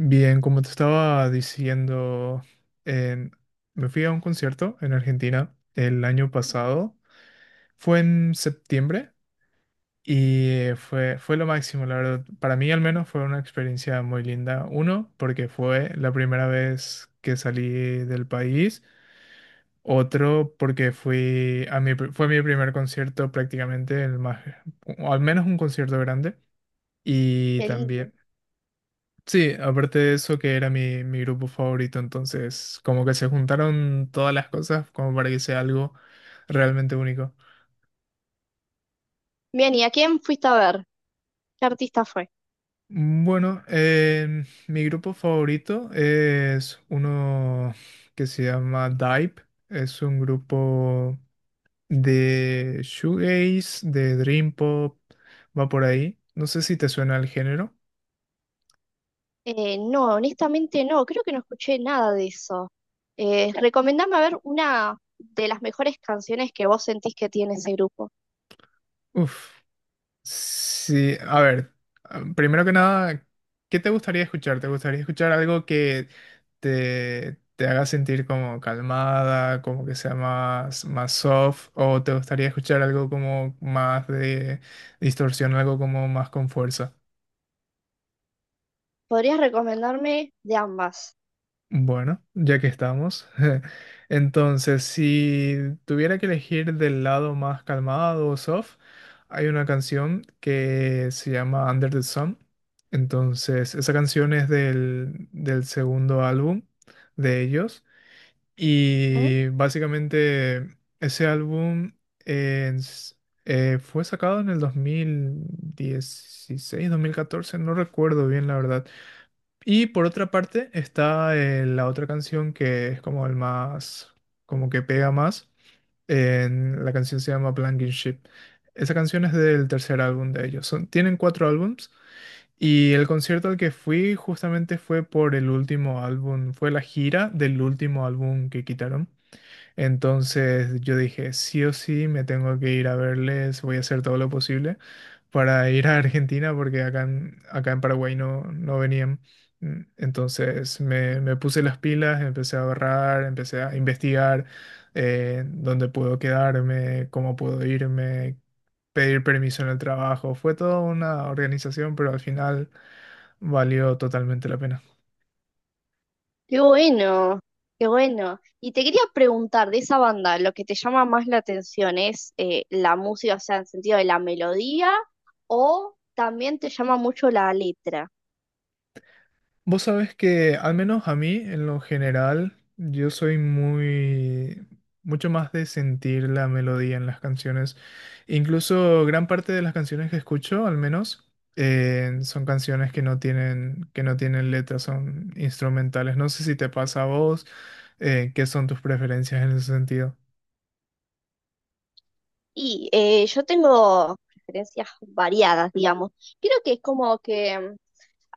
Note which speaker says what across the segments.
Speaker 1: Bien, como te estaba diciendo, en- me fui a un concierto en Argentina el año pasado. Fue en septiembre y fue lo máximo, la verdad. Para mí al menos fue una experiencia muy linda. Uno, porque fue la primera vez que salí del país. Otro, porque fui a mi, pr- fue mi primer concierto prácticamente, o al menos un concierto grande. Y
Speaker 2: Qué lindo.
Speaker 1: también... Sí, aparte de eso que era mi grupo favorito, entonces como que se juntaron todas las cosas como para que sea algo realmente único.
Speaker 2: Bien, ¿y a quién fuiste a ver? ¿Qué artista fue?
Speaker 1: Bueno, mi grupo favorito es uno que se llama Dive, es un grupo de shoegaze, de dream pop, va por ahí. No sé si te suena el género.
Speaker 2: No, honestamente no, creo que no escuché nada de eso. Recomendame a ver una de las mejores canciones que vos sentís que tiene ese grupo.
Speaker 1: Uf. Sí, a ver, ah, primero que nada, ¿qué te gustaría escuchar? ¿Te gustaría escuchar algo que te haga sentir como calmada, como que sea más soft? ¿O te gustaría escuchar algo como más de distorsión, algo como más con fuerza?
Speaker 2: Podrías recomendarme de ambas.
Speaker 1: Bueno, ya que estamos, entonces si tuviera que elegir del lado más calmado o soft, hay una canción que se llama Under the Sun. Entonces, esa canción es del segundo álbum de ellos
Speaker 2: ¿Mm?
Speaker 1: y básicamente ese álbum es- fue sacado en el 2016 2014 no recuerdo bien la verdad y por otra parte está la otra canción que es como el más, como que pega más. La canción se llama Blanking Ship. Esa canción es del tercer álbum de ellos. Tienen cuatro álbums y el concierto al que fui justamente fue por el último álbum, fue la gira del último álbum que quitaron. Entonces yo dije, sí o sí, me tengo que ir a verles, voy a hacer todo lo posible para ir a Argentina porque acá en Paraguay no venían. Mm, entonces me puse las pilas, empecé a ahorrar, empecé a investigar dónde puedo quedarme, cómo puedo irme, pedir permiso en el trabajo. Fue toda una organización, pero al final valió totalmente la pena.
Speaker 2: Qué bueno, qué bueno. Y te quería preguntar de esa banda, lo que te llama más la atención es la música, o sea, en sentido de la melodía, o también te llama mucho la letra.
Speaker 1: Vos sabés que, al menos a mí, en lo general, mucho más de sentir la melodía en las canciones. Incluso gran parte de las canciones que escucho, al menos, son canciones que no tienen letras, son instrumentales. No sé si te pasa a vos, qué son tus preferencias en ese sentido.
Speaker 2: Y yo tengo preferencias variadas, digamos. Creo que es como que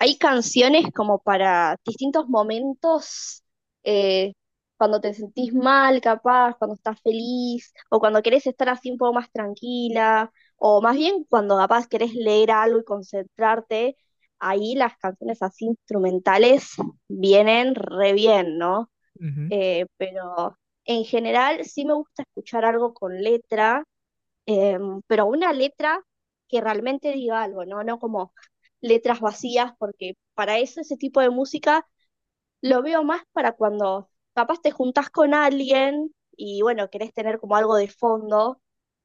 Speaker 2: hay canciones como para distintos momentos, eh, cuando te sentís mal, capaz, cuando estás feliz, o cuando querés estar así un poco más tranquila, o más bien cuando capaz querés leer algo y concentrarte, ahí las canciones así instrumentales vienen re bien, ¿no?
Speaker 1: Ujú,
Speaker 2: Pero en general sí me gusta escuchar algo con letra. Pero una letra que realmente diga algo, ¿no? No como letras vacías, porque para eso ese tipo de música lo veo más para cuando capaz te juntás con alguien y bueno, querés tener como algo de fondo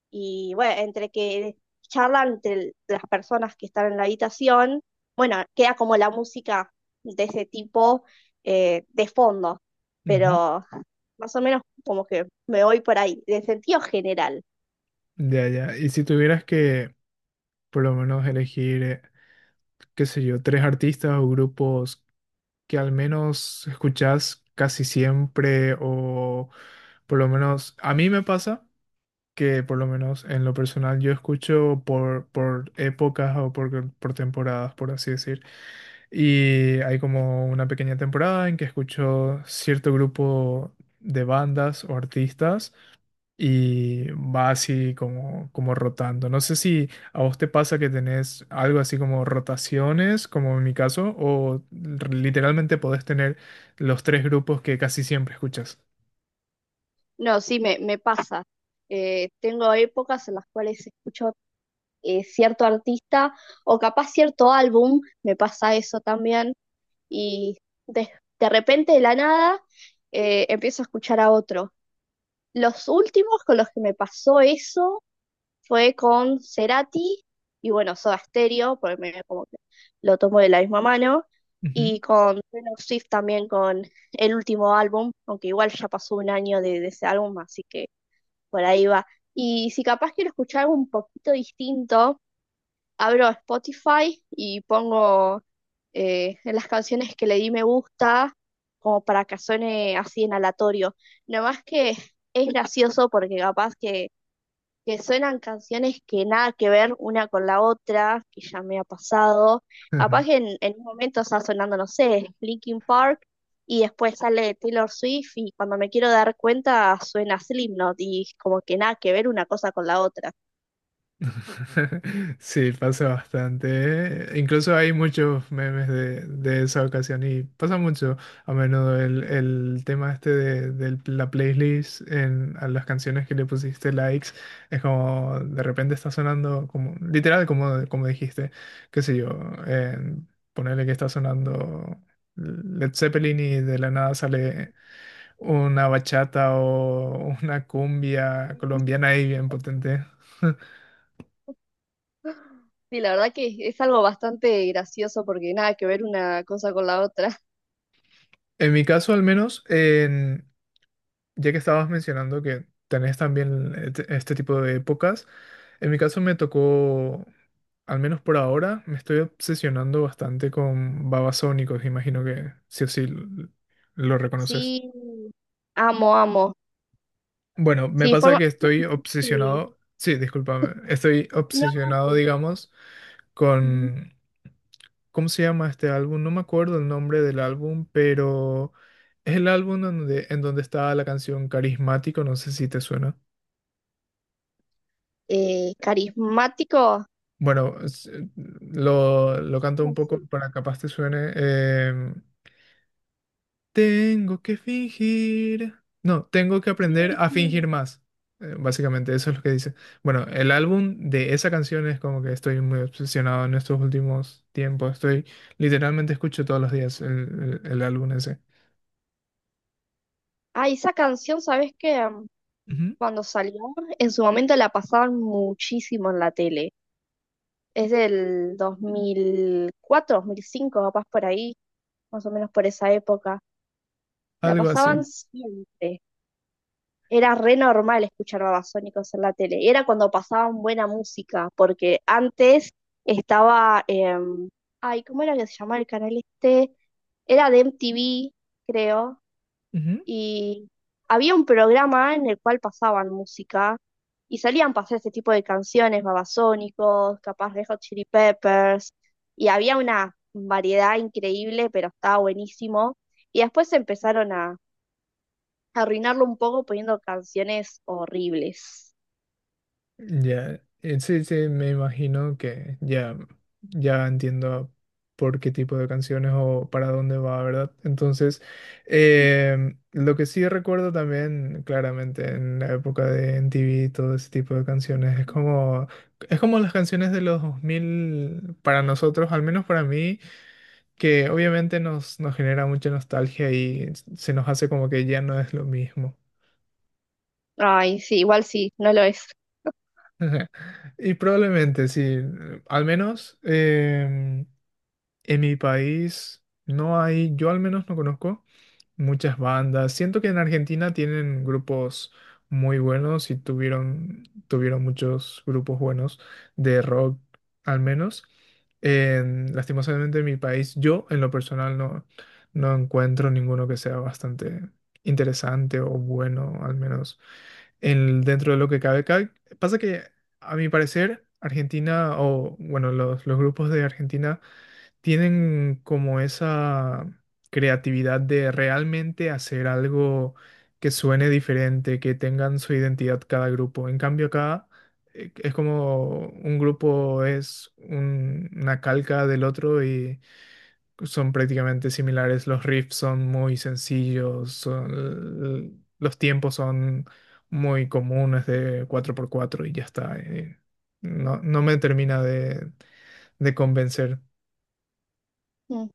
Speaker 2: y bueno, entre que charlan entre las personas que están en la habitación, bueno, queda como la música de ese tipo de fondo.
Speaker 1: ujú.
Speaker 2: Pero más o menos como que me voy por ahí, de sentido general.
Speaker 1: Ya, ya. Y si tuvieras que, por lo menos, elegir, qué sé yo, tres artistas o grupos que al menos escuchás casi siempre o por lo menos a mí me pasa que por lo menos en lo personal yo escucho por épocas o por temporadas, por así decir. Y hay como una pequeña temporada en que escucho cierto grupo de bandas o artistas y va así como, como rotando. No sé si a vos te pasa que tenés algo así como rotaciones, como en mi caso, literalmente podés tener los tres grupos que casi siempre escuchas.
Speaker 2: No, sí, me pasa. Tengo épocas en las cuales escucho cierto artista o capaz cierto álbum, me pasa eso también, y de, de repente de la nada empiezo a escuchar a otro. Los últimos con los que me pasó eso fue con Cerati y bueno, Soda Stereo, porque como que lo tomo de la misma mano,
Speaker 1: Ujú.
Speaker 2: y con Taylor Swift también con el último álbum, aunque igual ya pasó un año de ese álbum, así que por ahí va. Y si capaz quiero escuchar algo un poquito distinto, abro Spotify y pongo las canciones que le di me gusta, como para que suene así en aleatorio. Nada más que es gracioso porque capaz que suenan canciones que nada que ver una con la otra, que ya me ha pasado. Capaz que en un momento está sonando, no sé, Linkin Park y después sale Taylor Swift y cuando me quiero dar cuenta suena Slipknot y como que nada que ver una cosa con la otra.
Speaker 1: Sí, pasa bastante. Incluso hay muchos memes de esa ocasión y pasa mucho a menudo el tema este de la playlist en, a las canciones que le pusiste likes. Es como de repente está sonando como, literal como, como dijiste, qué sé yo, eh, ponerle que está sonando Led Zeppelin y de la nada sale una bachata o una cumbia colombiana ahí bien potente.
Speaker 2: Sí, la verdad que es algo bastante gracioso porque nada que ver una cosa con la otra.
Speaker 1: En mi caso, al menos, ya que estabas mencionando que tenés también este tipo de épocas, en mi caso me tocó, al menos por ahora, me estoy obsesionando bastante con babasónicos, imagino que sí o sí lo reconoces.
Speaker 2: Sí, amo, amo.
Speaker 1: Bueno, me
Speaker 2: Sí,
Speaker 1: pasa que estoy
Speaker 2: sí.
Speaker 1: obsesionado, sí, discúlpame, estoy
Speaker 2: No, no,
Speaker 1: obsesionado,
Speaker 2: sí.
Speaker 1: digamos,
Speaker 2: Ujú.
Speaker 1: con ¿cómo se llama este álbum? No me acuerdo el nombre del álbum, pero es el álbum donde, en donde está la canción Carismático, no sé si te suena.
Speaker 2: Carismático.
Speaker 1: Bueno, lo canto
Speaker 2: No,
Speaker 1: un poco
Speaker 2: sí.
Speaker 1: para capaz te suene. Tengo que fingir. No, tengo que
Speaker 2: Sí,
Speaker 1: aprender a fingir
Speaker 2: sí.
Speaker 1: más. Básicamente, eso es lo que dice. Bueno, el álbum de esa canción es como que estoy muy obsesionado en estos últimos tiempos. Estoy, literalmente escucho todos los días el álbum ese.
Speaker 2: Ah, esa canción, ¿sabes qué?
Speaker 1: Ujú,
Speaker 2: Cuando salió, en su momento la pasaban muchísimo en la tele. Es del dos mil cuatro, 2005, capaz por ahí, más o menos por esa época. La
Speaker 1: algo
Speaker 2: pasaban
Speaker 1: así.
Speaker 2: siempre. Era re normal escuchar Babasónicos en la tele. Era cuando pasaban buena música, porque antes estaba, ay, ¿cómo era que se llamaba el canal este? Era de MTV, creo,
Speaker 1: Ujú.
Speaker 2: y había un programa en el cual pasaban música y salían pasar ese tipo de canciones, Babasónicos, capaz de Hot Chili Peppers, y había una variedad increíble, pero estaba buenísimo. Y después empezaron a arruinarlo un poco poniendo canciones horribles.
Speaker 1: Ya, sí, sí, me imagino que ya, ya entiendo por qué tipo de canciones o para dónde va, ¿verdad? Entonces, lo que sí recuerdo también, claramente, en la época de MTV, todo ese tipo de canciones, es como las canciones de los 2000 para nosotros, al menos para mí, que obviamente nos genera mucha nostalgia y se nos hace como que ya no es lo mismo.
Speaker 2: Ay, sí, igual sí, no lo es.
Speaker 1: Ajá. Y probablemente sí, al menos em, en mi país no hay, yo al menos no conozco muchas bandas. Siento que en Argentina tienen grupos muy buenos y tuvieron muchos grupos buenos de rock, al menos. En, lastimosamente en mi país, yo en lo personal no encuentro ninguno que sea bastante interesante o bueno, al menos dentro de lo que cabe. Pasa que, a mi parecer, Argentina, o bueno, los grupos de Argentina tienen como esa creatividad de realmente hacer algo que suene diferente, que tengan su identidad cada grupo. En cambio, acá es como un grupo una calca del otro, son prácticamente similares, los riffs son muy sencillos, los tiempos son muy comunes de 4 por 4 y ya está. No, no me termina de convencer.
Speaker 2: Mm.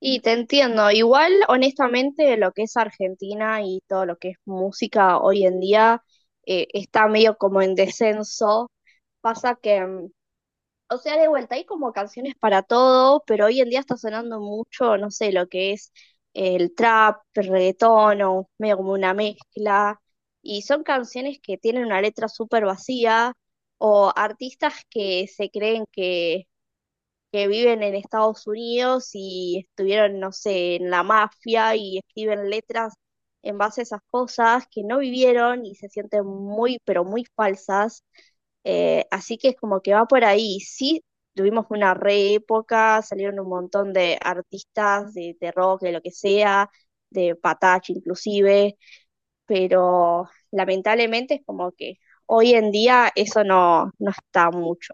Speaker 2: Y te entiendo, igual honestamente lo que es Argentina y todo lo que es música hoy en día está medio como en descenso. Pasa que o sea, de vuelta, hay como canciones para todo, pero hoy en día está sonando mucho, no sé, lo que es el trap, el reggaetón, o medio como una mezcla. Y son canciones que tienen una letra súper vacía, o artistas que se creen que, viven en Estados Unidos y estuvieron, no sé, en la mafia y escriben letras en base a esas cosas que no vivieron y se sienten muy, pero muy falsas. Así que es como que va por ahí. Sí, tuvimos una re época, salieron un montón de artistas de, rock, de lo que sea, de Patache inclusive, pero lamentablemente es como que hoy en día eso no está mucho.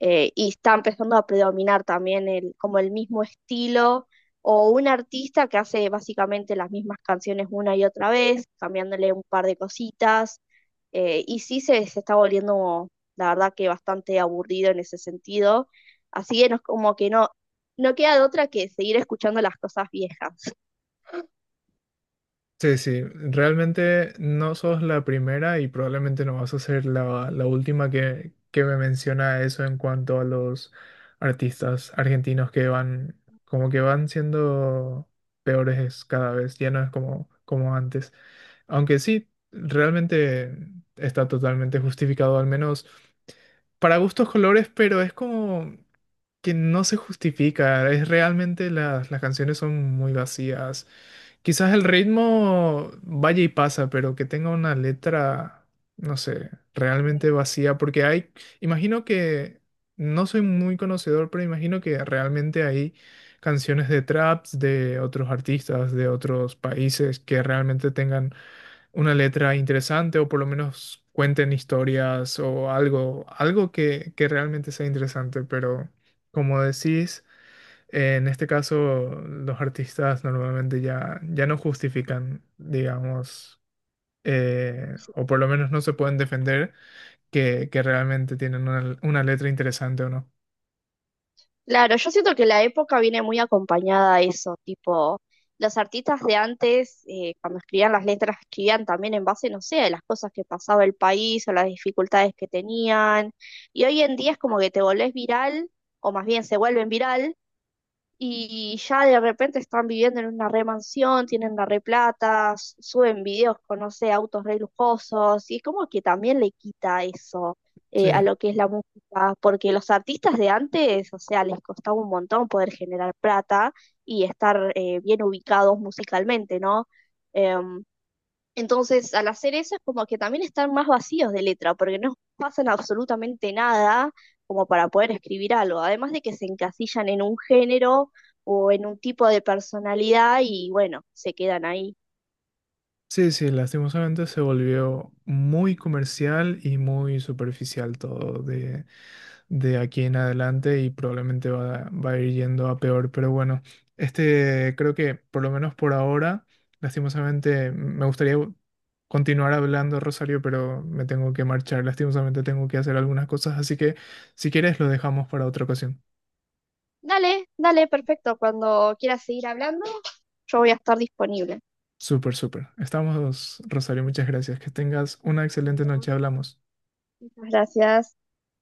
Speaker 2: Y está empezando a predominar también el, como el mismo estilo o un artista que hace básicamente las mismas canciones una y otra vez, cambiándole un par de cositas. Y sí se está volviendo, la verdad que bastante aburrido en ese sentido. Así que no es como que no queda de otra que seguir escuchando las cosas viejas.
Speaker 1: Sí, sí, realmente no sos la primera y probablemente no vas a ser la última que me menciona eso en cuanto a los artistas argentinos que van, como que van siendo peores cada vez, ya no es como, como antes. Aunque sí, realmente está totalmente justificado, al menos para gustos colores, pero es como que no se justifica. Es realmente las canciones son muy vacías. Quizás el ritmo vaya y pasa, pero que tenga una letra, no sé, realmente vacía, porque hay, imagino que, no soy muy conocedor, pero imagino que realmente hay canciones de traps de otros artistas, de otros países que realmente tengan una letra interesante o por lo menos cuenten historias o algo, algo que realmente sea interesante, pero como decís, en este caso los artistas normalmente ya, ya no justifican, digamos, o por lo menos no se pueden defender que realmente tienen una letra interesante o no.
Speaker 2: Claro, yo siento que la época viene muy acompañada a eso, tipo, los artistas de antes, cuando escribían las letras, escribían también en base, no sé, a las cosas que pasaba el país o las dificultades que tenían, y hoy en día es como que te volvés viral, o más bien se vuelven viral, y ya de repente están viviendo en una re mansión, tienen la re plata, suben videos con, no sé, autos re lujosos, y es como que también le quita eso
Speaker 1: Sí.
Speaker 2: a lo que es la música, porque los artistas de antes, o sea, les costaba un montón poder generar plata y estar bien ubicados musicalmente, ¿no? Em, entonces, al hacer eso es como que también están más vacíos de letra, porque no pasan absolutamente nada como para poder escribir algo. Además de que se encasillan en un género o en un tipo de personalidad y bueno, se quedan ahí.
Speaker 1: Sí, sí, lastimosamente se volvió muy comercial y muy superficial todo de aquí en adelante y probablemente va, va a ir yendo a peor. Pero bueno, este creo que por lo menos por ahora, lastimosamente, me gustaría continuar hablando, Rosario, pero me tengo que marchar. Lastimosamente tengo que hacer algunas cosas, así que si quieres lo dejamos para otra ocasión.
Speaker 2: Dale, dale, perfecto. Cuando quieras seguir hablando, yo voy a estar disponible.
Speaker 1: Súper, súper. Estamos, Rosario, muchas gracias. Que tengas una excelente noche. Hablamos.
Speaker 2: Muchas gracias.